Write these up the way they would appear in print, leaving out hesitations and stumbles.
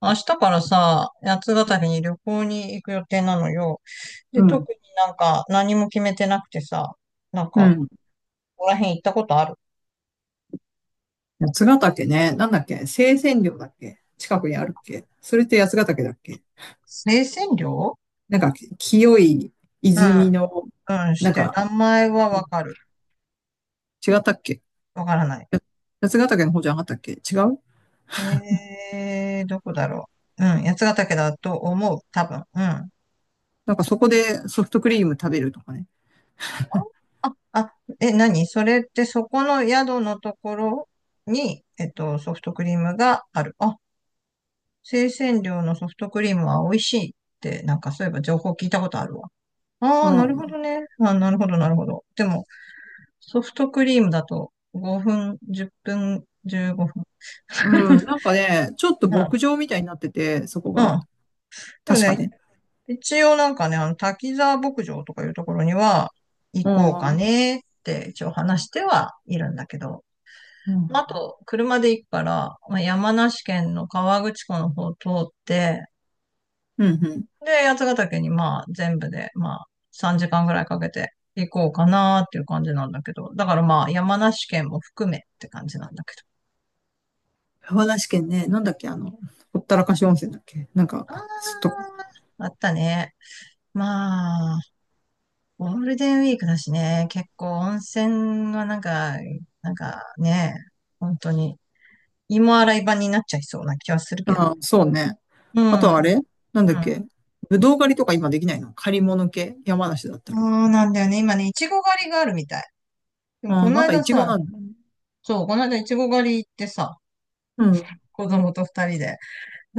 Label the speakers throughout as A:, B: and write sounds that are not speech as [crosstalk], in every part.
A: 明日からさ、八ヶ岳に旅行に行く予定なのよ。で、
B: うん。
A: 特に何も決めてなくてさ、なん
B: う
A: か、
B: ん。
A: ここら辺行ったことある？
B: 八ヶ岳ね。なんだっけ、清泉陵だっけ？近くにあるっけ？それって八ヶ岳だっけ？
A: 生鮮料、
B: なんか、清い
A: う
B: 泉
A: ん、
B: の、
A: うん、し
B: なん
A: て、
B: か、
A: 名前はわかる。
B: 違ったっけ？
A: わからない。
B: 八ヶ岳の方じゃなかったっけ？違う。
A: どこだろう。うん、八ヶ岳だと思う、多分。うん。
B: なんか
A: そ
B: そこでソフトクリ
A: うん
B: ーム食べるとかね。
A: あ、あ、え、何それ？ってそこの宿のところに、ソフトクリームがある。あ、生鮮量のソフトクリームは美味しいって、そういえば情報聞いたことあるわ。あ
B: う
A: あ、なるほ
B: ん。
A: どね。あ、なるほど、なるほど。でも、ソフトクリームだと5分、10分、15分。
B: うん。
A: [laughs]
B: なんかね、ちょっと牧場みたいになってて、そこ
A: うん。う
B: が。
A: ん。でも
B: 確か
A: ね、
B: ね。
A: 一応なんかね、あの、滝沢牧場とかいうところには行
B: う
A: こう
B: ん。う
A: か
B: ん。
A: ねって一応話してはいるんだけど。
B: うん。
A: まあと、車で行くから、まあ、山梨県の河口湖の方を通って、
B: うんうん。
A: で、八ヶ岳に、まあ全部でまあ3時間ぐらいかけて行こうかなっていう感じなんだけど、だからまあ山梨県も含めって感じなんだけど。
B: 山梨県ね。なんだっけ、ほったらかし温泉だっけ？なんか、ちょっ
A: あ
B: と。
A: あ、あったね。まあ、ゴールデンウィークだしね、結構温泉がなんか、なんかね、本当に芋洗い場になっちゃいそうな気はするけど
B: ああ、
A: ね。
B: そうね。
A: う
B: あと
A: ん、
B: はあ
A: うん。
B: れ、なんだっけ、ぶどう狩りとか今できないの？借り物系、山梨だった
A: そ
B: ら。
A: うなんだよね。今ね、いちご狩りがあるみたい。でも
B: あ
A: こ
B: あ、
A: の
B: まだイ
A: 間
B: チゴ
A: さ、
B: なんだね。
A: そう、この間いちご狩り行ってさ、
B: うん。
A: 子供と二人で。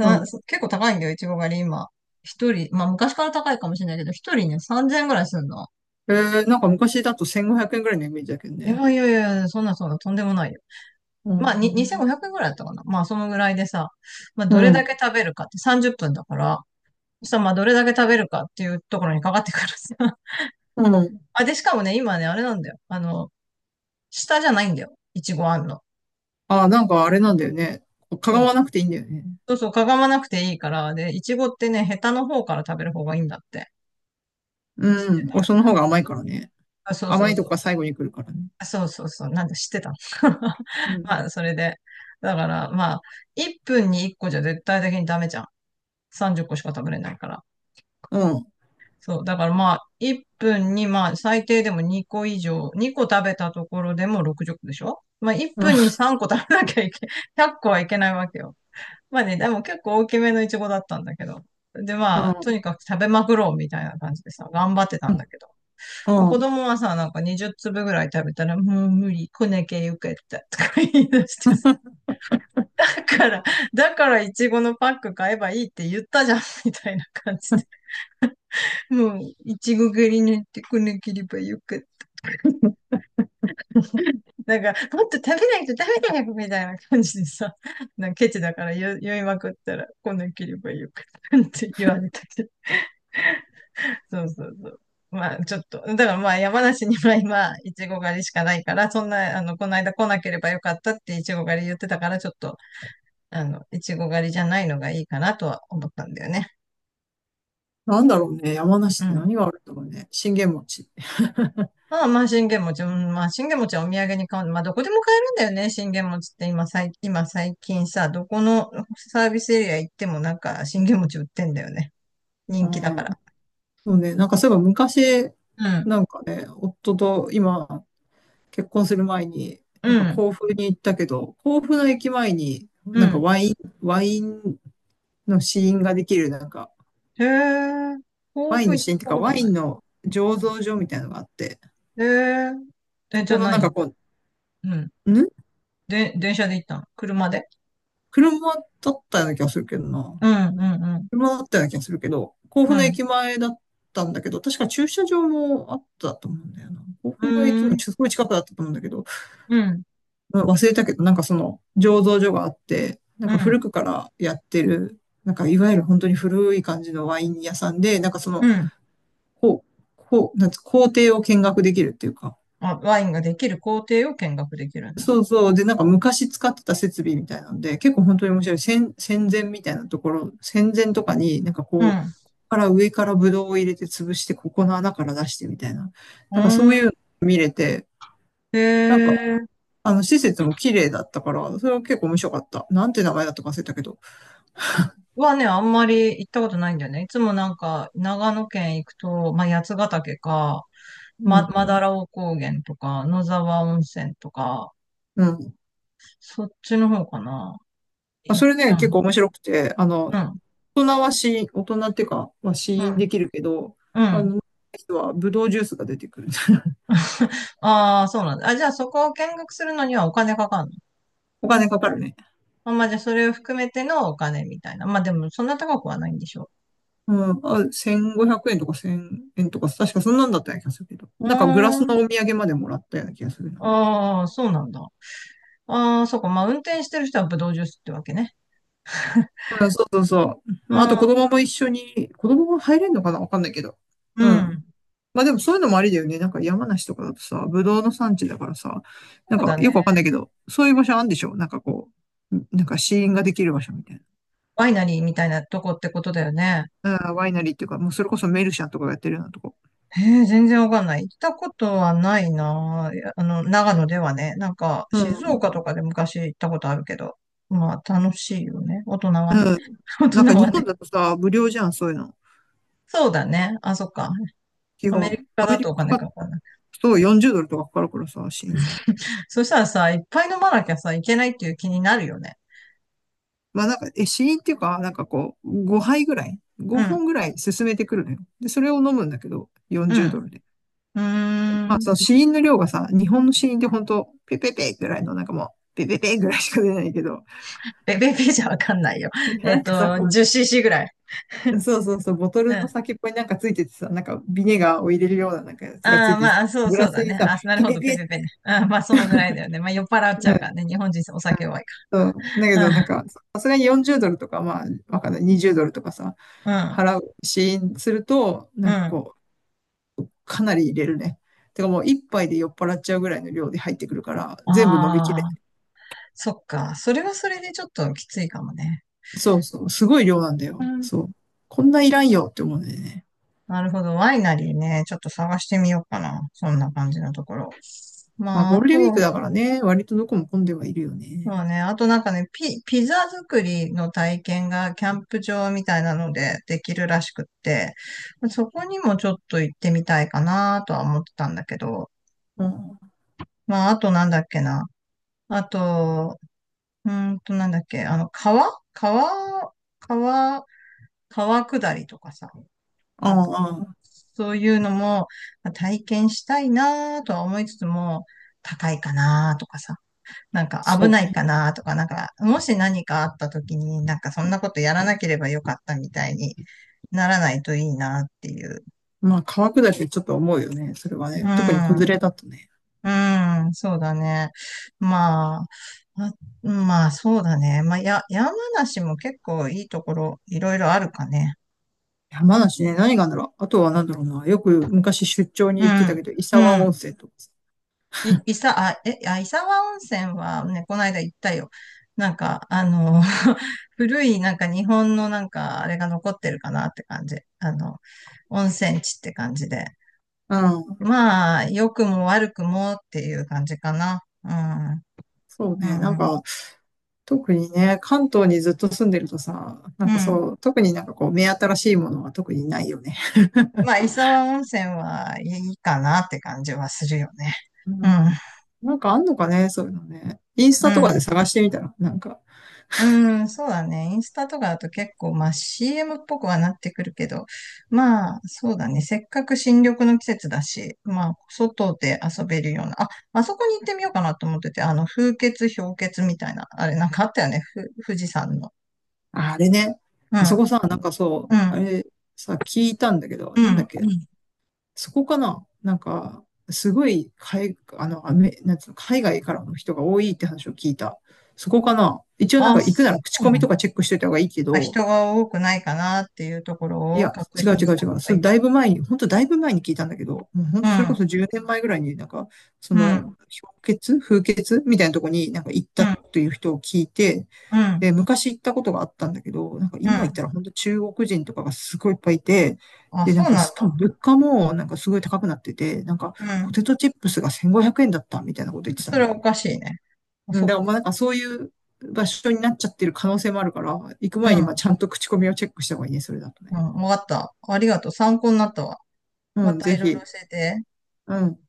B: うん。
A: 結構高いんだよ、いちご狩り今。一人、まあ昔から高いかもしれないけど、一人ね、3000円ぐらいするの。
B: えー、なんか昔だと1500円ぐらいのイメージだけど
A: い
B: ね。
A: やいやいそんなとんでもないよ。
B: う
A: まあ、に
B: ん。
A: 2500円ぐらいだったかな。まあ、そのぐらいでさ、まあ、
B: う
A: どれだ
B: ん。
A: け食べるかって30分だから、そしたらまあ、どれだけ食べるかっていうところにかかってくるさ。[laughs]
B: うん。
A: あ、で、しかもね、今ね、あれなんだよ。あの、下じゃないんだよ。いちごあんの。
B: ああ、なんかあれなんだよね。かが
A: そ
B: わ
A: う。
B: なくていいんだよね。
A: そうそう、かがまなくていいから、で、いちごってね、ヘタの方から食べる方がいいんだって。知っ
B: う
A: て
B: ん、おその
A: た？
B: 方が甘いからね。
A: あ、そうそ
B: 甘
A: う
B: いと
A: そ
B: こが
A: う。
B: 最後に来るからね。
A: そうそうそう。なんで知ってたの？ [laughs]
B: うん。
A: まあ、それで。だから、まあ、1分に1個じゃ絶対的にダメじゃん。30個しか食べれないから。
B: うん。
A: そう。だからまあ、1分にまあ、最低でも2個以上、2個食べたところでも60個でしょ。まあ、1
B: うん。
A: 分に3個食べなきゃいけ、[laughs] 100個はいけないわけよ。まあね、でも結構大きめのイチゴだったんだけど。で
B: う
A: まあ、と
B: ん。
A: にかく食べまくろうみたいな感じでさ、頑張ってた
B: う
A: んだけど。まあ
B: ん。う
A: 子
B: ん。
A: 供はさ、なんか20粒ぐらい食べたら、もう無理、こねけゆけたとか言い出してさ、だから、だからいちごのパック買えばいいって言ったじゃん、みたいな感じで。もう、いちご狩りに行ってこねければよかった。なんか、もっと食べないと食べないみたいな感じでさ、なんかケチだから言いまくったら、こねければよかったって言われたけど。そうそうそう。まあ、ちょっと、だからまあ、山梨には今、いちご狩りしかないから、そんな、あの、この間来なければよかったっていちご狩り言ってたから、ちょっと、あの、いちご狩りじゃないのがいいかなとは思ったんだよね。
B: なんだろうね。山
A: う
B: 梨って
A: ん。
B: 何があるんだろうね。信玄餅。
A: まあまあ、信玄餅、うん、まあ、信玄餅はお土産に買う。まあ、どこでも買えるんだよね、信玄餅って今、今最近さ、どこのサービスエリア行ってもなんか、信玄餅売ってんだよね。
B: う
A: 人気だか
B: ん。
A: ら。
B: そうね、なんかそういえば昔、
A: うん。
B: なんかね、夫と今、結婚する前に、
A: う
B: なんか
A: ん。
B: 甲府に行ったけど、甲府の駅前に、
A: う
B: なんか
A: ん。
B: ワイン、ワインの試飲ができる、なんか、
A: へえ、豆
B: ワイン
A: 腐
B: の
A: 行
B: 試
A: っ
B: 飲っていう
A: た
B: か、
A: こと
B: ワイ
A: な
B: ン
A: い。
B: の醸造所みたいなのがあって、
A: えーえ、
B: そ
A: じゃ
B: こ
A: あ
B: のなんか
A: 何？
B: こ
A: うん。
B: う、ん、
A: で、電車で行ったの？車で？
B: 車だったような気がするけどな。
A: うんうんうん。
B: 車だったような気がするけど、甲
A: う
B: 府の
A: ん。
B: 駅前だったんだけど、確か駐車場もあったと思うんだよな。甲
A: う
B: 府の駅
A: ー
B: の
A: ん。
B: すごい近くだったと思うんだけど、
A: うん。
B: 忘れたけど、なんかその醸造所があって、なん
A: う
B: か古
A: ん。
B: くからやってる、なんかいわゆる本当に古い感じのワイン屋さんで、なんかそ
A: う
B: の、
A: ん。
B: こう、なんつ工程を見学できるっていうか、
A: あ、ワインができる工程を見学できるんだ。
B: そうそう。で、なんか昔使ってた設備みたいなので、結構本当に面白い。戦前みたいなところ、戦前とかになんか
A: う
B: こ
A: ん。
B: う、から上からブドウを入れて潰して、ここの穴から出してみたいな。
A: う
B: なんかそう
A: ーん。
B: いう、
A: へえ。
B: 施設も綺麗だったから、それは結構面白かった。なんて名前だったか忘れたけど。
A: はね、あんまり行ったことないんだよね。いつもなんか、長野県行くと、まあ、八ヶ岳か、
B: うん。
A: マダラオ高原とか、野沢温泉とか、
B: うん。
A: そっちの方かな。
B: まあ、
A: 行っ
B: そ
A: ち
B: れね、
A: ゃう
B: 結
A: の。
B: 構面白くて、あ
A: う
B: の、
A: ん。
B: 大人は試飲、大人っていうか、まあ、試
A: う
B: 飲で
A: ん。
B: きるけど、
A: う
B: あ
A: ん。
B: の、人はブドウジュースが出てくる。[laughs]
A: [laughs] ああ、そうなんだ。あ、じゃあそこを見学するのにはお金かかんの？
B: お金かかるね。
A: あ、まあじゃあそれを含めてのお金みたいな。まあでもそんな高くはないんでしょ
B: うん、あ、1500円とか1000円とか、確かそんなんだったような気がするけど。
A: う？う
B: なんかグラス
A: ーん。
B: のお土産までもらったような気がするな。
A: ああ、そうなんだ。ああ、そうか。まあ運転してる人はブドウジュースってわけね。
B: うん、そうそうそう。
A: う
B: まあ
A: ん。
B: あと子供も一緒に、子供も入れんのかな、わかんないけど。
A: う
B: うん。
A: ん。
B: まあでもそういうのもありだよね。なんか山梨とかだとさ、ぶどうの産地だからさ、
A: そ
B: なん
A: う
B: か
A: だ
B: よくわかんない
A: ね。
B: けど、そういう場所あるんでしょ、なんかこう、ん、なんか試飲ができる場所みたいな。
A: ワイナリーみたいなとこってことだよね。
B: あー、ワイナリーっていうか、もうそれこそメルシャンとかがやってるようなとこ。
A: へえ、全然わかんない。行ったことはないな。いやあの、長野ではね。なんか、
B: う
A: 静
B: ん。
A: 岡とかで昔行ったことあるけど。まあ、楽しいよね。大人は
B: う
A: ね。
B: ん。
A: [laughs] 大
B: な
A: 人
B: んか日
A: は
B: 本
A: ね。
B: だとさ、無料じゃん、そういうの。
A: そうだね。あ、そっか。
B: 基
A: アメ
B: 本。
A: リカ
B: アメ
A: だと
B: リ
A: お
B: カ
A: 金
B: だ
A: かかんない？
B: と40ドルとかかかるからさ、試飲。
A: そしたらさ、いっぱい飲まなきゃさ、いけないっていう気になるよね。
B: まあなんか、え、試飲っていうか、なんかこう、5杯ぐらい、
A: う
B: 5
A: ん。
B: 本ぐらい進めてくるのよ。で、それを飲むんだけど、
A: う
B: 40ド
A: ん。
B: ルで。
A: うー
B: まあ、
A: ん。
B: その子音の量がさ、日本の子音って本当ペペペぐらいの、なんかもう、ペペペぐらいしか出ないけど、
A: ベベベじゃわかんないよ。
B: [laughs]
A: [laughs] え
B: な
A: っ
B: んかさ、
A: と、
B: こ
A: 10cc ぐらい。
B: う、そうそうそう、ボト
A: う
B: ルの
A: ん。
B: 先っぽになんかついててさ、なんかビネガーを入れるようななんかやつがつ
A: あ
B: い
A: あ、
B: てて、
A: まあ、そう、
B: グ
A: そ
B: ラ
A: う
B: ス
A: だ
B: に
A: ね。
B: さ、
A: あ、なる
B: ピ
A: ほ
B: ペ
A: ど、ペ
B: ペって、
A: ペペね。うん、まあ、そのぐらいだよね。まあ、酔っ払っち
B: う
A: ゃうか
B: ん、
A: らね。日本人お酒弱いか
B: そう、だけどなん
A: ら。
B: か、さすがに40ドルとか、まあ、わかんない、20ドルとかさ、
A: うん、うん、
B: 払う子音すると、
A: う
B: なんか
A: ん。
B: こう、かなり入れるね。てかもう一杯で酔っ払っちゃうぐらいの量で入ってくるから、
A: あ
B: 全部飲みきれ、
A: あ、そっか。それはそれでちょっときついかもね。
B: そうそう、すごい量なんだ
A: う
B: よ。
A: ん、
B: そう。こんないらんよって思うんだよね。
A: なるほど。ワイナリーね、ちょっと探してみようかな。そんな感じのところ。
B: まあ、
A: まあ、
B: ゴ
A: あ
B: ールデンウィー
A: と、
B: クだからね、割とどこも混んではいるよ
A: ま
B: ね。
A: あね、あとなんかね、ピザ作りの体験がキャンプ場みたいなのでできるらしくって、そこにもちょっと行ってみたいかなとは思ってたんだけど、
B: うん。あ
A: まあ、あとなんだっけな。あと、うーんとなんだっけ、あの、川川下りとかさ、なんか、
B: あ、
A: そういうのもまあ体験したいなとは思いつつも、高いかなとかさ、なんか
B: そ
A: 危
B: う
A: ないか
B: ね。
A: なとか、なんか、もし何かあった時に、なんかそんなことやらなければよかったみたいにならないといいなっていう。
B: まあ、川下りってちょっと思うよね。それは
A: う
B: ね。特に子連
A: ん、
B: れだとね。
A: うん、そうだね。まあ、あまあ、そうだね。まあ、山梨も結構いいところ、いろいろあるかね。
B: 山梨ね、何があるんだろう。あとは何だろうな。よく昔出張に
A: う
B: 行ってた
A: ん、
B: けど、伊
A: う
B: 沢温
A: ん。
B: 泉とかさ。
A: い、いさ、あ、え、あ、伊沢温泉はね、この間行ったよ。なんか、あの、[laughs] 古いなんか日本のなんかあれが残ってるかなって感じ。あの、温泉地って感じで。
B: うん。
A: まあ、良くも悪くもっていう感じかな。う
B: そう
A: ん。う
B: ね。なん
A: ん。
B: か、特にね、関東にずっと住んでるとさ、な
A: う
B: んか
A: ん。
B: そう、特になんかこう、目新しいものは特にないよね。
A: まあ、伊沢温泉はいいかなって感じはするよね。
B: う
A: うん。
B: ん。なんかあんのかね、そういうのね。インス
A: う
B: タとか
A: ん。
B: で探してみたら、なんか、
A: うん、そうだね。インスタとかだと結構、まあ CM っぽくはなってくるけど、まあそうだね。せっかく新緑の季節だし、まあ外で遊べるような、あ、あそこに行ってみようかなと思ってて、あの風穴、氷穴みたいな、あれなんかあったよね。富士山の。
B: ああ、れね、
A: う
B: あそ
A: ん、
B: こさ、なんかそう、
A: う
B: あ
A: ん、
B: れさ、聞いたんだけど、
A: う
B: なんだっ
A: ん、う
B: け、
A: ん。
B: そこかな、なんか、すごい、海、あの、アメ、なんつうの、海外からの人が多いって話を聞いた。そこかな。一応なん
A: あ、
B: か行くな
A: そ
B: ら口
A: う
B: コミ
A: な
B: と
A: の？
B: かチェックしておいた方がいいけ
A: あ、
B: ど、
A: 人が多くないかなっていうとこ
B: い
A: ろを
B: や、
A: 確
B: 違う
A: 認
B: 違
A: し
B: う
A: た
B: 違う。
A: 方が
B: そ
A: い
B: れ
A: い？
B: だいぶ前に、本当だいぶ前に聞いたんだけど、もう本
A: う
B: 当それこそ
A: ん、
B: 10年前ぐらいになんか、そ
A: う
B: の、
A: ん、
B: 氷結風結みたいなとこになんか行っ
A: うん、
B: たという人を聞いて、
A: うん、
B: で、昔行ったことがあったんだけど、なんか
A: う
B: 今行っ
A: ん。
B: たら本当中国人とかがすごいいっぱいいて、
A: あ、
B: で、な
A: そ
B: ん
A: う
B: か
A: な
B: し
A: ん
B: かも
A: だ。
B: 物価もなんかすごい高くなってて、なんか
A: う
B: ポ
A: ん。
B: テトチップスが1500円だったみたいなこと言ってたん
A: そ
B: だ
A: れ
B: よ
A: はお
B: ね。
A: かしいね。あ、
B: うん、
A: そっ
B: だか
A: か。
B: らまあなんかそういう場所になっちゃってる可能性もあるから、行く
A: う
B: 前に
A: ん。
B: まあちゃんと口コミをチェックした方がいいね、それだとね。
A: うん。わかった。ありがとう。参考になったわ。ま
B: うん、
A: た
B: ぜ
A: いろいろ
B: ひ。
A: 教えて。
B: うん。